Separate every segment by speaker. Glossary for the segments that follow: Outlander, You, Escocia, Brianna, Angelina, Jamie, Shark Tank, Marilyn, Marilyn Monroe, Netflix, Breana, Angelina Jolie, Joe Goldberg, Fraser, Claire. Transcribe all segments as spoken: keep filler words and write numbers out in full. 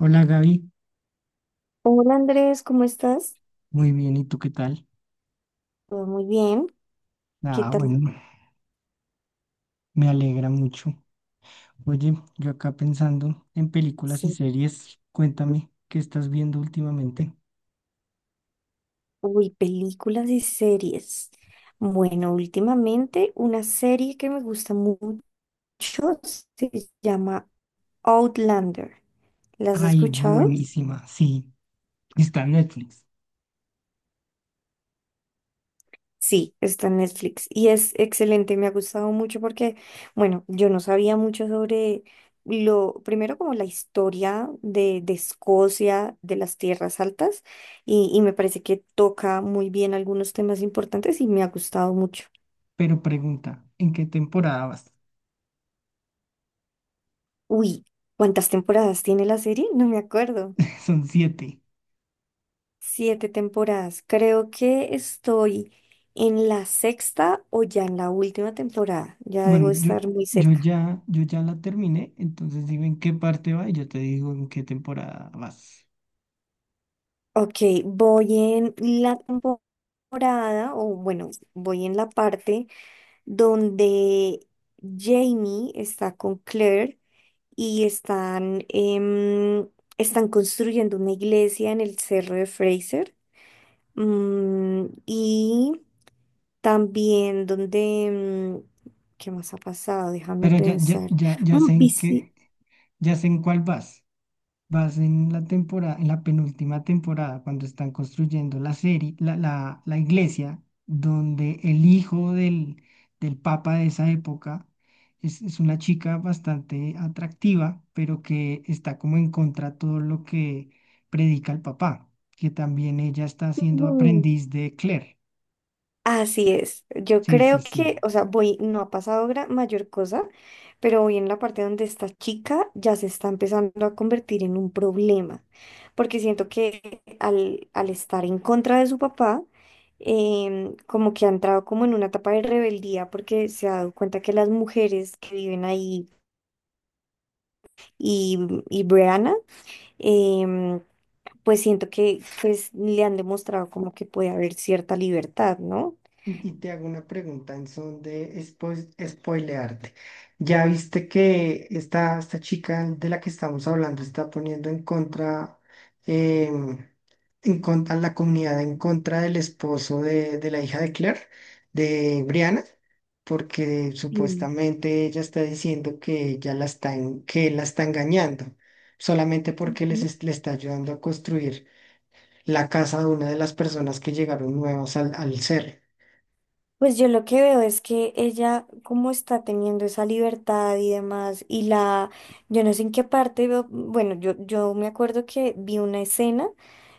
Speaker 1: Hola Gaby,
Speaker 2: Hola Andrés, ¿cómo estás?
Speaker 1: muy bien, ¿y tú qué tal?
Speaker 2: Todo muy bien. ¿Qué
Speaker 1: Ah,
Speaker 2: tal?
Speaker 1: bueno, me alegra mucho. Oye, yo acá pensando en películas y
Speaker 2: Sí.
Speaker 1: series, cuéntame, ¿qué estás viendo últimamente?
Speaker 2: Uy, películas y series. Bueno, últimamente una serie que me gusta mucho se llama Outlander. ¿La has
Speaker 1: Ay,
Speaker 2: escuchado?
Speaker 1: buenísima, sí, está en Netflix.
Speaker 2: Sí, está en Netflix y es excelente, me ha gustado mucho porque, bueno, yo no sabía mucho sobre lo, primero como la historia de, de Escocia, de las tierras altas y, y me parece que toca muy bien algunos temas importantes y me ha gustado mucho.
Speaker 1: Pero pregunta, ¿en qué temporada vas?
Speaker 2: Uy, ¿cuántas temporadas tiene la serie? No me acuerdo.
Speaker 1: Son siete.
Speaker 2: Siete temporadas. Creo que estoy en la sexta o ya en la última temporada, ya debo
Speaker 1: Bueno, yo,
Speaker 2: estar muy
Speaker 1: yo
Speaker 2: cerca.
Speaker 1: ya, yo ya la terminé, entonces dime en qué parte va y yo te digo en qué temporada vas.
Speaker 2: Ok, voy en la temporada, o bueno, voy en la parte donde Jamie está con Claire y están, em, están construyendo una iglesia en el cerro de Fraser. Mm, y también donde, mm, ¿qué más ha pasado? Déjame
Speaker 1: Pero ya, ya,
Speaker 2: pensar.
Speaker 1: ya, ya
Speaker 2: Mm,
Speaker 1: sé en
Speaker 2: visi-
Speaker 1: qué, ya sé en cuál vas. Vas en la temporada, en la penúltima temporada, cuando están construyendo la serie, la, la, la iglesia, donde el hijo del, del papa de esa época es, es una chica bastante atractiva, pero que está como en contra de todo lo que predica el papá, que también ella está siendo aprendiz de Claire.
Speaker 2: Así es. Yo
Speaker 1: Sí, sí,
Speaker 2: creo
Speaker 1: sí.
Speaker 2: que, o sea, voy, no ha pasado gra- mayor cosa, pero voy en la parte donde esta chica ya se está empezando a convertir en un problema, porque siento que al, al estar en contra de su papá, em, como que ha entrado como en una etapa de rebeldía, porque se ha dado cuenta que las mujeres que viven ahí y, y Breana, em, pues siento que pues, le han demostrado como que puede haber cierta libertad, ¿no?
Speaker 1: Y, y te hago una pregunta en son de spo- spoilearte. ¿Ya viste que esta, esta chica de la que estamos hablando está poniendo en contra, em, en contra la comunidad en contra del esposo de, de la hija de Claire, de Brianna? Porque
Speaker 2: Sí.
Speaker 1: supuestamente ella está diciendo que ella la está en- que él la está engañando, solamente porque les es- le está ayudando a construir la casa de una de las personas que llegaron nuevas al, al cerro.
Speaker 2: Pues yo lo que veo es que ella como está teniendo esa libertad y demás, y la, yo no sé en qué parte veo, bueno, yo, yo me acuerdo que vi una escena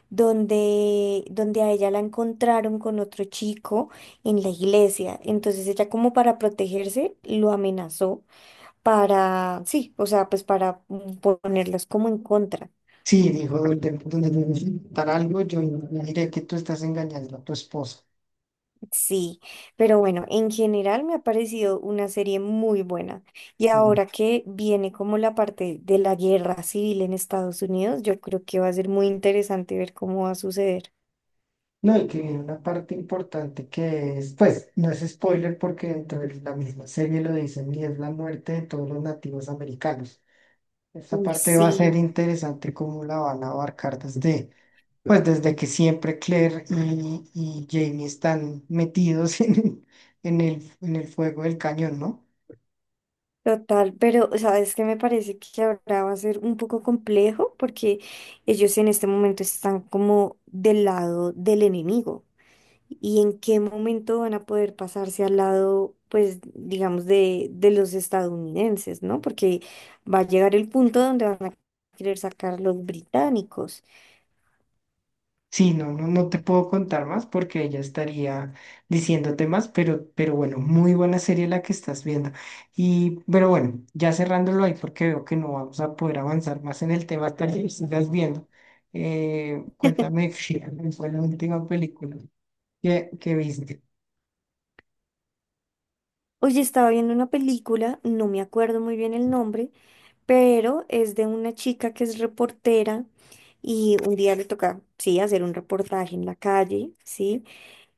Speaker 2: donde, donde a ella la encontraron con otro chico en la iglesia, entonces ella como para protegerse lo amenazó para, sí, o sea, pues para ponerlas como en contra.
Speaker 1: Sí, dijo, donde, donde me necesitan algo, yo me diré que tú estás engañando a tu esposa.
Speaker 2: Sí, pero bueno, en general me ha parecido una serie muy buena. Y
Speaker 1: Sí.
Speaker 2: ahora que viene como la parte de la guerra civil en Estados Unidos, yo creo que va a ser muy interesante ver cómo va a suceder.
Speaker 1: No, y que viene una parte importante que es, pues, no es spoiler porque dentro de la misma serie lo dicen y es la muerte de todos los nativos americanos. Esta
Speaker 2: Uy,
Speaker 1: parte va a ser
Speaker 2: sí,
Speaker 1: interesante cómo la van a abarcar desde, pues, desde que siempre Claire y, y Jamie están metidos en, el- en el, en el fuego del cañón, ¿no?
Speaker 2: total, pero sabes que me parece que ahora va a ser un poco complejo porque ellos en este momento están como del lado del enemigo. Y en qué momento van a poder pasarse al lado, pues, digamos, de, de los estadounidenses, ¿no? Porque va a llegar el punto donde van a querer sacar los británicos.
Speaker 1: Sí, no, no, no te puedo contar más porque ella estaría diciéndote más, pero, pero bueno, muy buena serie la que estás viendo. Y, pero bueno, ya cerrándolo ahí porque veo que no vamos a poder avanzar más en el tema hasta que sigas viendo. Eh, cuéntame, fue la última película que, que viste?
Speaker 2: Oye, estaba viendo una película, no me acuerdo muy bien el nombre, pero es de una chica que es reportera y un día le toca, sí, hacer un reportaje en la calle, ¿sí?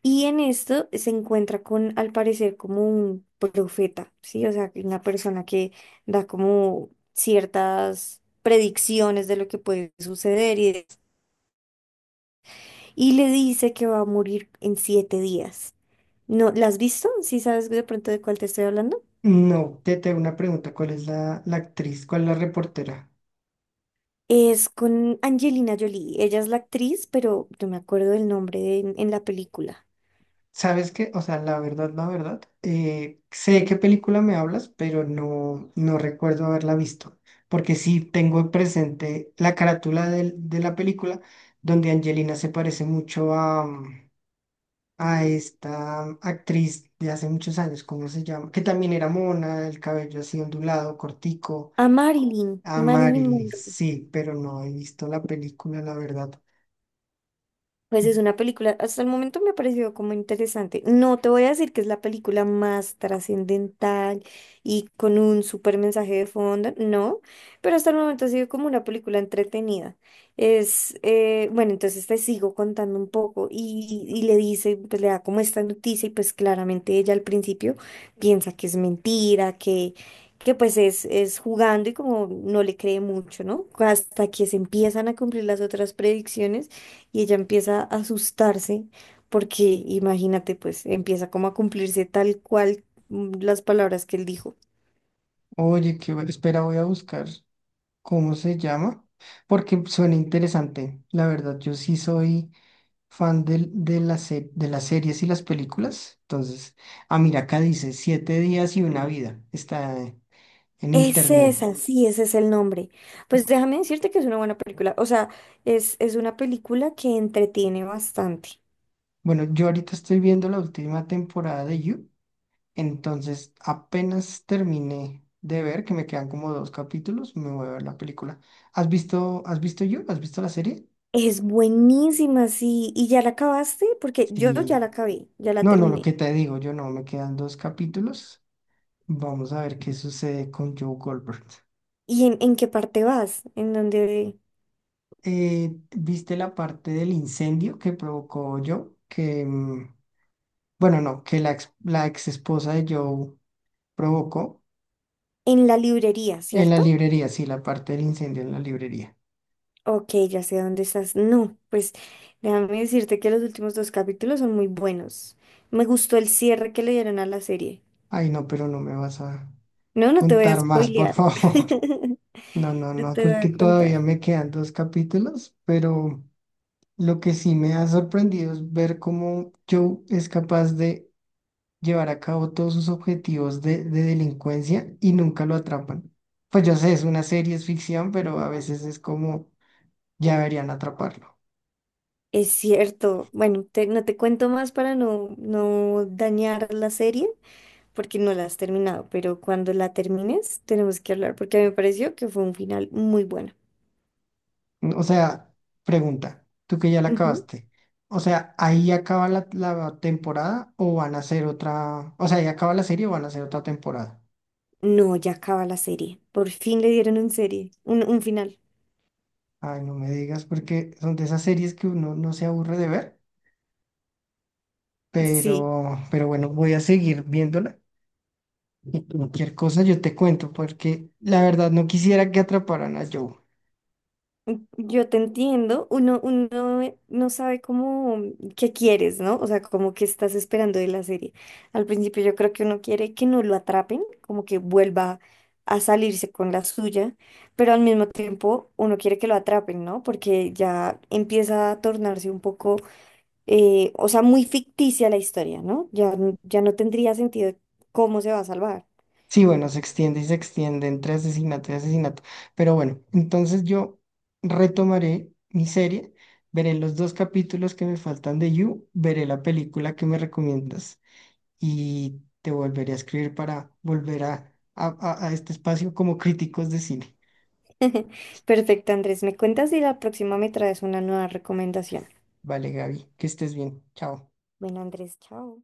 Speaker 2: Y en esto se encuentra con, al parecer, como un profeta, ¿sí? O sea, una persona que da como ciertas predicciones de lo que puede suceder y, de- y le dice que va a morir en siete días. ¿No, la has visto? ¿Sí sabes de pronto de cuál te estoy hablando?
Speaker 1: No, te tengo una pregunta, ¿cuál es la, la actriz? ¿Cuál es la reportera?
Speaker 2: Es con Angelina Jolie. Ella es la actriz, pero no me acuerdo del nombre de- en la película.
Speaker 1: ¿Sabes qué? O sea, la verdad, la verdad, eh, sé de qué película me hablas, pero no, no recuerdo haberla visto, porque sí tengo presente la carátula del- de, la película donde Angelina se parece mucho a, mm, a esta actriz de hace muchos años, ¿cómo se llama? Que también era mona, el cabello así ondulado, cortico,
Speaker 2: A Marilyn,
Speaker 1: a
Speaker 2: Marilyn
Speaker 1: Marilyn,
Speaker 2: Monroe.
Speaker 1: sí, pero no he visto la película, la verdad.
Speaker 2: Pues es una película, hasta el momento me ha parecido como interesante. No te voy a decir que es la película más trascendental y con un súper mensaje de fondo, no, pero hasta el momento ha sido como una película entretenida. Es, eh, bueno, entonces te sigo contando un poco y, y le dice, pues le da como esta noticia y pues claramente ella al principio piensa que es mentira, que, que pues es, es jugando y como no le cree mucho, ¿no? Hasta que se empiezan a cumplir las otras predicciones y ella empieza a asustarse porque, imagínate, pues empieza como a cumplirse tal cual mm, las palabras que él dijo.
Speaker 1: Oye, qué bueno, espera, voy a buscar. ¿Cómo se llama? Porque suena interesante. La verdad, yo sí soy fan del- de, la se- de las series y las películas. Entonces, ah, mira, acá dice Siete Días y Una Vida. Está en
Speaker 2: Es
Speaker 1: internet.
Speaker 2: esa, sí, ese es el nombre. Pues déjame decirte que es una buena película. O sea, es, es una película que entretiene bastante.
Speaker 1: Bueno, yo ahorita estoy viendo la última temporada de You. Entonces, apenas terminé de ver, que me quedan como dos capítulos, me voy a ver la película. ¿Has visto, has visto You? ¿Has visto la serie?
Speaker 2: Es buenísima, sí. ¿Y ya la acabaste? Porque yo ya
Speaker 1: Sí.
Speaker 2: la acabé, ya la
Speaker 1: No, no, lo
Speaker 2: terminé.
Speaker 1: que te digo, yo no, me quedan dos capítulos. Vamos a ver qué sucede con Joe Goldberg.
Speaker 2: ¿Y en, en qué parte vas? En donde,
Speaker 1: Eh, ¿viste la parte del incendio que provocó Joe? Que, mm, bueno, no, que la ex, la ex esposa de Joe provocó
Speaker 2: en la librería,
Speaker 1: en la
Speaker 2: ¿cierto?
Speaker 1: librería, sí, la parte del incendio en la librería.
Speaker 2: Ok, ya sé dónde estás. No, pues déjame decirte que los últimos dos capítulos son muy buenos. Me gustó el cierre que le dieron a la serie.
Speaker 1: Ay, no, pero no me vas a
Speaker 2: No, no te voy a
Speaker 1: contar más, por
Speaker 2: spoilear.
Speaker 1: favor. No, no,
Speaker 2: No
Speaker 1: no,
Speaker 2: te voy
Speaker 1: porque
Speaker 2: a contar.
Speaker 1: todavía me quedan dos capítulos, pero lo que sí me ha sorprendido es ver cómo Joe es capaz de llevar a cabo todos sus objetivos de, de delincuencia y nunca lo atrapan. Pues yo sé, es una serie, es ficción, pero a veces es como ya deberían atraparlo.
Speaker 2: Es cierto. Bueno, te- no te cuento más para no, no dañar la serie, porque no la has terminado, pero cuando la termines tenemos que hablar, porque a mí me pareció que fue un final muy bueno.
Speaker 1: O sea, pregunta, tú que ya la
Speaker 2: Ujú.
Speaker 1: acabaste. O sea, ¿ahí acaba la, la temporada o van a hacer otra? O sea, ¿ahí acaba la serie o van a hacer otra temporada?
Speaker 2: No, ya acaba la serie. Por fin le dieron un serie, un, un final.
Speaker 1: Ay, no me digas, porque son de esas series que uno no se aburre de ver,
Speaker 2: Sí.
Speaker 1: pero, pero bueno, voy a seguir viéndola. Y cualquier cosa yo te cuento, porque la verdad no quisiera que atraparan a Joe.
Speaker 2: Yo te entiendo, uno, uno eh, no sabe cómo, mm, qué quieres, ¿no? O sea, como que estás esperando de la serie. Al principio yo creo que uno quiere que no lo atrapen, como que vuelva a salirse con la suya, pero al mismo tiempo uno quiere que lo atrapen, ¿no? Porque ya empieza a tornarse un poco, eh, o sea, muy ficticia la historia, ¿no? Ya, n- ya no tendría sentido cómo se va a salvar.
Speaker 1: Sí, bueno, se extiende y se extiende entre asesinato y asesinato. Pero bueno, entonces yo retomaré mi serie, veré los dos capítulos que me faltan de You, veré la película que me recomiendas y te volveré a escribir para volver a, a, a a este espacio como críticos de cine.
Speaker 2: Perfecto, Andrés, me cuentas y la próxima me traes una nueva recomendación.
Speaker 1: Vale, Gaby, que estés bien. Chao.
Speaker 2: Bueno, Andrés, chao.